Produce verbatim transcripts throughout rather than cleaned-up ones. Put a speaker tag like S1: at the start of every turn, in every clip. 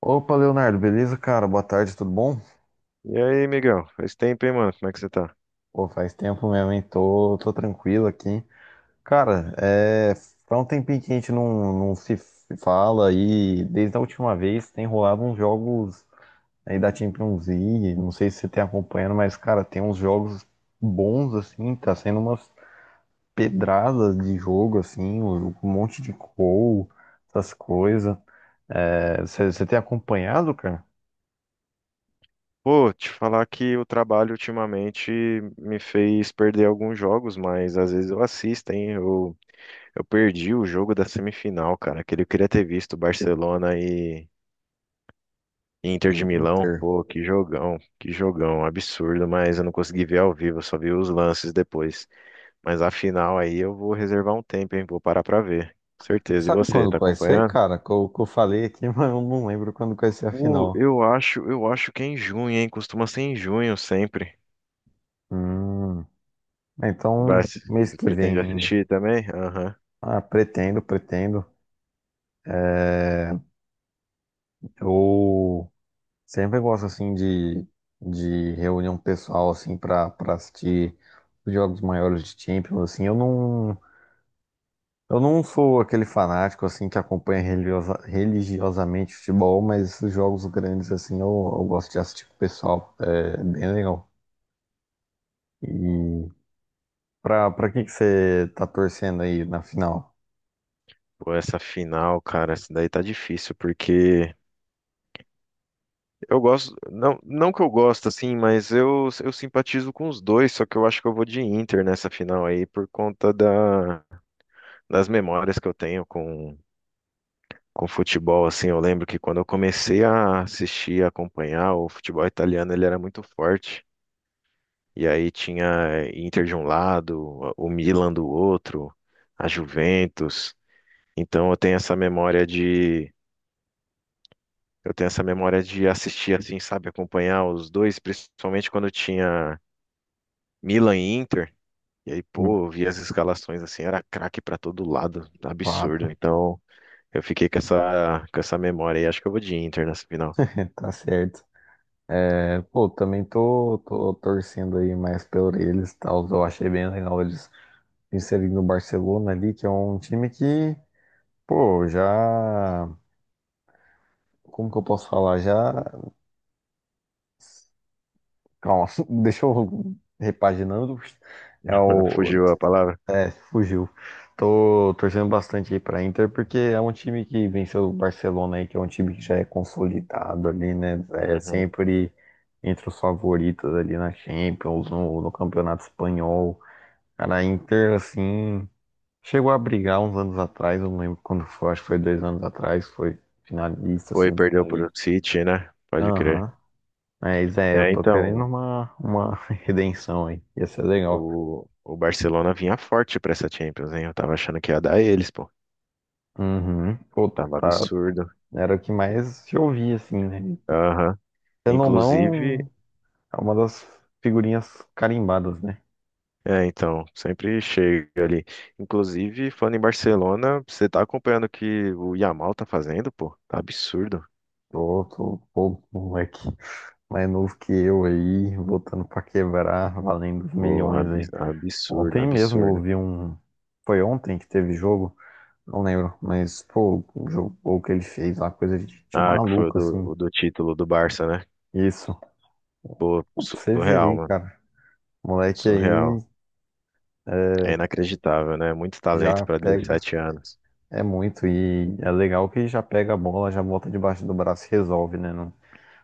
S1: Opa, Leonardo, beleza, cara? Boa tarde, tudo bom?
S2: E aí, Miguel? Faz tempo, hein, mano? Como é que você tá?
S1: Pô, faz tempo mesmo, hein? Tô, tô tranquilo aqui. Cara, é, faz um tempinho que a gente não, não se fala, e desde a última vez tem rolado uns jogos aí da Champions League. Não sei se você tem acompanhando, mas, cara, tem uns jogos bons, assim, tá sendo umas pedradas de jogo, assim, um um monte de gol, essas coisas. É, você você tem acompanhado, cara?
S2: Pô, te falar que o trabalho ultimamente me fez perder alguns jogos, mas às vezes eu assisto, hein? Eu, eu perdi o jogo da semifinal, cara. Aquele eu queria ter visto Barcelona e Inter de Milão.
S1: Inter.
S2: Pô, que jogão, que jogão, absurdo, mas eu não consegui ver ao vivo, eu só vi os lances depois. Mas a final aí eu vou reservar um tempo, hein? Vou parar pra ver. Certeza. E
S1: Sabe
S2: você,
S1: quando
S2: tá
S1: que vai ser,
S2: acompanhando?
S1: cara? Que eu, que eu falei aqui, mas eu não lembro quando que vai ser a
S2: Pô,
S1: final.
S2: eu acho, eu acho que é em junho, hein? Costuma ser em junho sempre.
S1: Hum,
S2: Vai,
S1: então,
S2: assi-
S1: mês que
S2: pretende
S1: vem ainda.
S2: assistir também? Aham.
S1: Ah, pretendo, pretendo. Eu sempre gosto, assim, de, de reunião pessoal, assim, pra, pra assistir os jogos maiores de Champions, assim. Eu não, eu não sou aquele fanático, assim, que acompanha religiosa, religiosamente futebol, mas esses jogos grandes, assim, eu, eu gosto de assistir com o pessoal. É bem legal. E... Pra, pra que que você tá torcendo aí na final?
S2: Pô, essa final, cara, essa daí tá difícil, porque eu gosto, não, não que eu gosto, assim, mas eu, eu simpatizo com os dois, só que eu acho que eu vou de Inter nessa final aí, por conta da, das memórias que eu tenho com, com futebol, assim, eu lembro que quando eu comecei a assistir, a acompanhar, o futebol italiano, ele era muito forte, e aí tinha Inter de um lado, o Milan do outro, a Juventus. Então eu tenho essa memória de eu tenho essa memória de assistir assim, sabe, acompanhar os dois, principalmente quando tinha Milan e Inter. E aí,
S1: Hum.
S2: pô, eu via as escalações assim, era craque pra todo lado, absurdo.
S1: Fato.
S2: Então, eu fiquei com essa com essa memória e acho que eu vou de Inter nessa final.
S1: Tá certo. É, pô, também tô, tô torcendo aí mais pelo eles, e tal. Eu achei bem legal eles inserindo o Barcelona ali, que é um time que, pô, já. Como que eu posso falar? Já. Calma, deixa eu repaginando. É o,
S2: Fugiu a palavra?
S1: é, fugiu. Tô torcendo bastante aí pra Inter, porque é um time que venceu o Barcelona aí, que é um time que já é consolidado ali, né? É
S2: Uhum.
S1: sempre entre os favoritos ali na Champions, no, no Campeonato Espanhol. Cara, a Inter, assim, chegou a brigar uns anos atrás, eu não lembro quando foi, acho que foi dois anos atrás, foi finalista,
S2: Foi, perdeu
S1: semifinalista.
S2: pro City, né? Pode crer.
S1: Aham. Mas é, eu
S2: É,
S1: tô querendo
S2: então,
S1: uma, uma redenção aí. Ia ser legal.
S2: o, o Barcelona vinha forte pra essa Champions, hein? Eu tava achando que ia dar eles, pô.
S1: Uhum. Pô,
S2: Tava
S1: tá.
S2: absurdo.
S1: Era o que mais se ouvia, assim, né?
S2: Aham.
S1: Querendo ou
S2: Inclusive,
S1: não, é uma das figurinhas carimbadas, né?
S2: É, então, sempre chega ali. Inclusive, falando em Barcelona, você tá acompanhando o que o Yamal tá fazendo, pô? Tá absurdo.
S1: Tô, tô, pô, moleque mais novo que eu aí, voltando pra quebrar, valendo os
S2: Pô,
S1: milhões
S2: abs-
S1: aí.
S2: absurdo,
S1: Ontem mesmo eu
S2: absurdo.
S1: ouvi um. Foi ontem que teve jogo? Não lembro, mas, pô, o jogo o que ele fez lá, coisa de, de
S2: Ah, que foi o
S1: maluco,
S2: do,
S1: assim.
S2: o do título do Barça, né?
S1: Isso.
S2: Pô,
S1: Pô, pra você ver
S2: surreal,
S1: aí,
S2: mano.
S1: cara. Moleque aí
S2: Surreal. É inacreditável, né? Muito talento
S1: já
S2: pra
S1: pega.
S2: dezessete anos.
S1: É muito, e é legal que já pega a bola, já bota debaixo do braço e resolve, né? Não-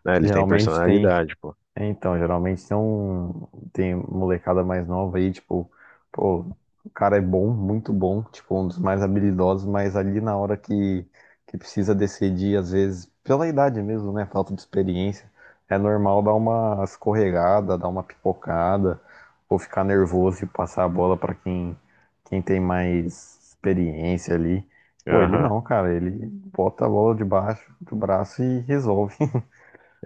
S2: Né, ele tem
S1: geralmente tem
S2: personalidade, pô.
S1: é, então, geralmente tem um, tem molecada mais nova aí, tipo, pô, o cara é bom, muito bom, tipo, um dos mais habilidosos, mas ali na hora que, que precisa decidir, às vezes, pela idade mesmo, né, falta de experiência, é normal dar uma escorregada, dar uma pipocada, ou ficar nervoso e passar a bola pra quem, quem tem mais experiência ali. Pô, ele
S2: Aham.
S1: não, cara, ele bota a bola debaixo do braço e resolve.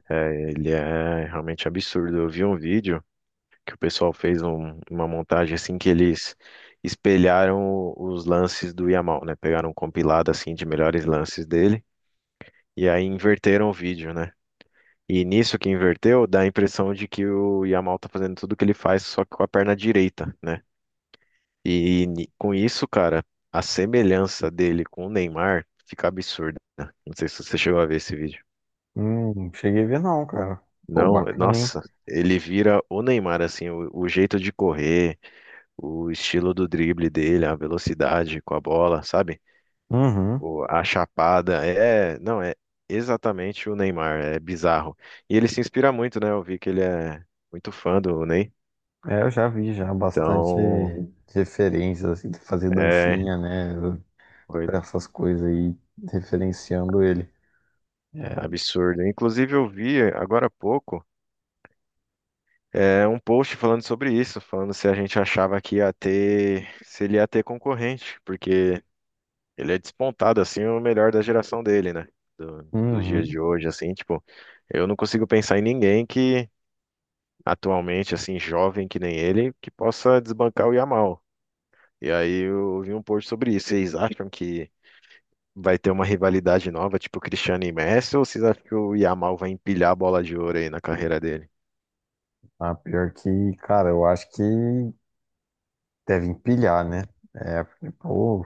S2: É, ele é realmente absurdo. Eu vi um vídeo que o pessoal fez um- uma montagem assim que eles espelharam o- os lances do Yamal, né? Pegaram um compilado assim de melhores lances dele e aí inverteram o vídeo, né? E nisso que inverteu, dá a impressão de que o Yamal tá fazendo tudo que ele faz só que com a perna direita, né? E, ni- com isso, cara, a semelhança dele com o Neymar fica absurda, né? Não sei se você chegou a ver esse vídeo.
S1: Hum, cheguei a ver não, cara. Pô,
S2: Não,
S1: bacana, hein?
S2: nossa, ele vira o Neymar, assim, o o jeito de correr, o estilo do drible dele, a velocidade com a bola, sabe?
S1: Uhum.
S2: O- a chapada, é, não, é exatamente o Neymar, é bizarro. E ele se inspira muito, né? Eu vi que ele é muito fã do Ney,
S1: É, eu já vi já bastante
S2: então
S1: referências, assim, de fazer
S2: é
S1: dancinha, né?
S2: foi
S1: Pra essas coisas aí, referenciando ele. É.
S2: absurdo. Inclusive eu vi agora há pouco é, um post falando sobre isso, falando se a gente achava que ia ter, se ele ia ter concorrente, porque ele é despontado, assim, o melhor da geração dele, né? Do- dos dias de
S1: Uhum.
S2: hoje, assim, tipo, eu não consigo pensar em ninguém que atualmente, assim, jovem que nem ele, que possa desbancar o Yamal. E aí eu vi um post sobre isso. Vocês acham que vai ter uma rivalidade nova, tipo Cristiano e Messi, ou vocês acham que o Yamal vai empilhar a bola de ouro aí na carreira dele?
S1: Ah, pior que, cara, eu acho que deve empilhar, né? É, porque, pô,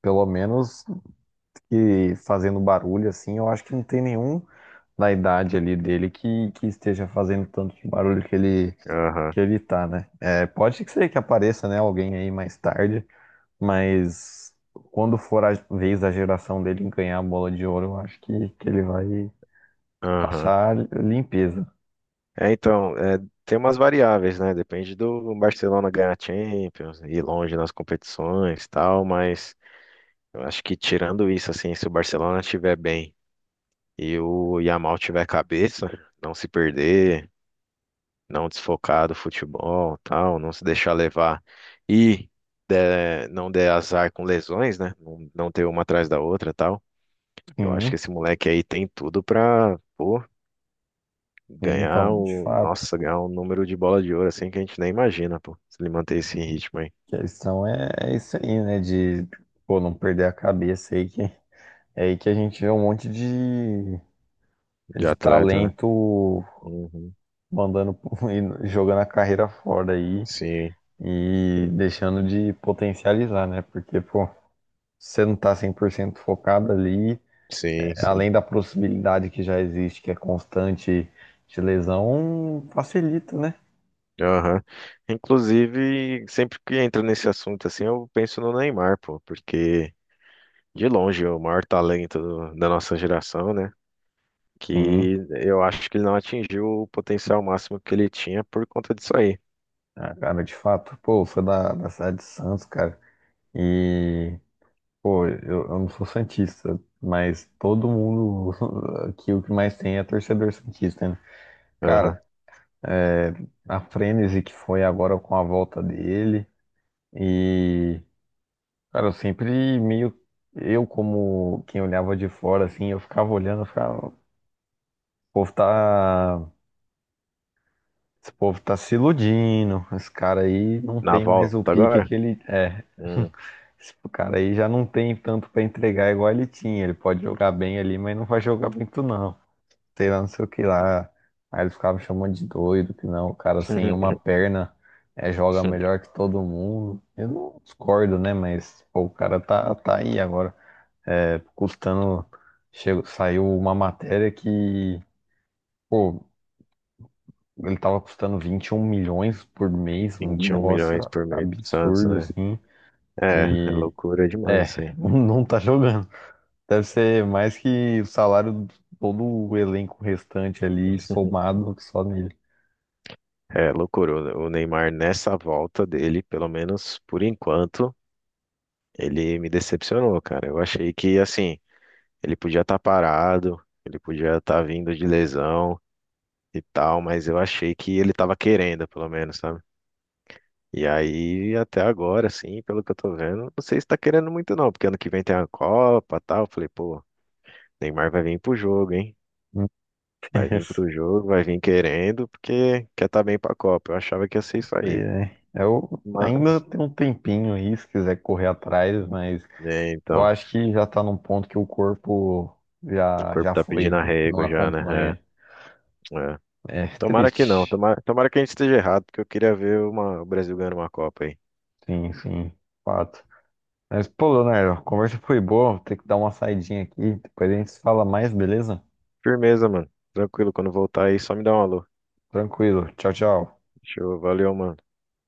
S1: pelo menos que fazendo barulho, assim, eu acho que não tem nenhum na idade ali dele que, que esteja fazendo tanto barulho que ele
S2: Aham,
S1: que ele tá, né? É, pode ser que apareça, né, alguém aí mais tarde, mas quando for a vez da geração dele ganhar a bola de ouro, eu acho que, que ele vai
S2: aham.
S1: passar limpeza.
S2: É, então, é, tem umas variáveis, né? Depende do Barcelona ganhar a Champions, ir longe nas competições e tal, mas. Eu acho que tirando isso, assim, se o Barcelona estiver bem e o Yamal tiver cabeça, não se perder, não desfocar do futebol, tal, não se deixar levar e der- não der azar com lesões, né? Não, não ter uma atrás da outra, tal. Eu acho que
S1: Sim,
S2: esse moleque aí tem tudo pra, pô,
S1: é,
S2: ganhar
S1: então, de
S2: o,
S1: fato,
S2: nossa, ganhar um número de bola de ouro assim que a gente nem imagina, pô, se ele manter esse ritmo aí
S1: a questão é, é isso aí, né, de pô, não perder a cabeça aí que é aí que a gente vê um monte de,
S2: de
S1: de
S2: atleta, né?
S1: talento
S2: Uhum.
S1: mandando pro- e jogando a carreira fora aí
S2: Sim,
S1: e deixando de potencializar, né? Porque, pô, você não tá cem por cento focado ali,
S2: sim, sim.
S1: além da possibilidade que já existe, que é constante de lesão, facilita, né?
S2: Aham. Inclusive, sempre que entra nesse assunto assim, eu penso no Neymar, pô, porque de longe é o maior talento do- da nossa geração, né?
S1: Sim,
S2: Que eu acho que ele não atingiu o potencial máximo que ele tinha por conta disso aí.
S1: ah, cara, de fato, pô, eu sou da, da cidade de Santos, cara, e, pô, eu, eu não sou santista, mas todo mundo aqui o que mais tem é torcedor santista, né? Cara,
S2: Aham.
S1: é, a frenesi que foi agora com a volta dele e cara, eu sempre meio. Eu, como quem olhava de fora, assim, eu ficava olhando, eu ficava. O povo tá. Esse povo tá se iludindo. Esse cara aí não
S2: Na
S1: tem mais o
S2: volta
S1: pique
S2: agora?
S1: que ele. É.
S2: Hum.
S1: Esse cara aí já não tem tanto pra entregar igual ele tinha. Ele pode jogar bem ali, mas não vai jogar muito, não. Sei lá, não sei o que lá. Aí eles ficavam me chamando de doido, que não, o cara sem uma perna é, joga melhor que todo mundo. Eu não discordo, né? Mas, pô, o cara tá, tá aí agora. É, custando. Chegou, saiu uma matéria que, pô, ele tava custando vinte e um milhões por mês, um
S2: Vinte e um milhões
S1: negócio
S2: por mês pro Santos,
S1: absurdo
S2: né?
S1: assim.
S2: É, é
S1: E
S2: loucura
S1: é,
S2: demais isso aí.
S1: não tá jogando. Deve ser mais que o salário de todo o elenco restante ali somado só nele.
S2: É loucura. O o Neymar, nessa volta dele, pelo menos por enquanto, ele me decepcionou, cara. Eu achei que, assim, ele podia estar parado, ele podia estar vindo de lesão e tal, mas eu achei que ele estava querendo, pelo menos, sabe? E aí, até agora, assim, pelo que eu tô vendo, não sei se tá querendo muito não, porque ano que vem tem a Copa e tal. Eu falei, pô, Neymar vai vir pro jogo, hein? Vai vir pro jogo, vai vir querendo, porque quer tá bem pra Copa. Eu achava que ia ser isso aí.
S1: É, eu ainda
S2: Mas,
S1: tenho um tempinho aí, se quiser correr atrás, mas
S2: né,
S1: eu
S2: então,
S1: acho que já tá num ponto que o corpo
S2: o
S1: já,
S2: corpo
S1: já
S2: tá pedindo
S1: foi, não
S2: arrego já, né?
S1: acompanha.
S2: É, é.
S1: É
S2: Tomara que não,
S1: triste.
S2: tomara, tomara que a gente esteja errado, porque eu queria ver uma- o Brasil ganhando uma Copa aí.
S1: Sim, sim, fato. Mas, pô, Leonardo, a conversa foi boa. Vou ter que dar uma saidinha aqui. Depois a gente se fala mais, beleza?
S2: Firmeza, mano. Tranquilo, quando voltar aí, só me dá um alô.
S1: Tranquilo. Tchau, tchau.
S2: Show, valeu, mano.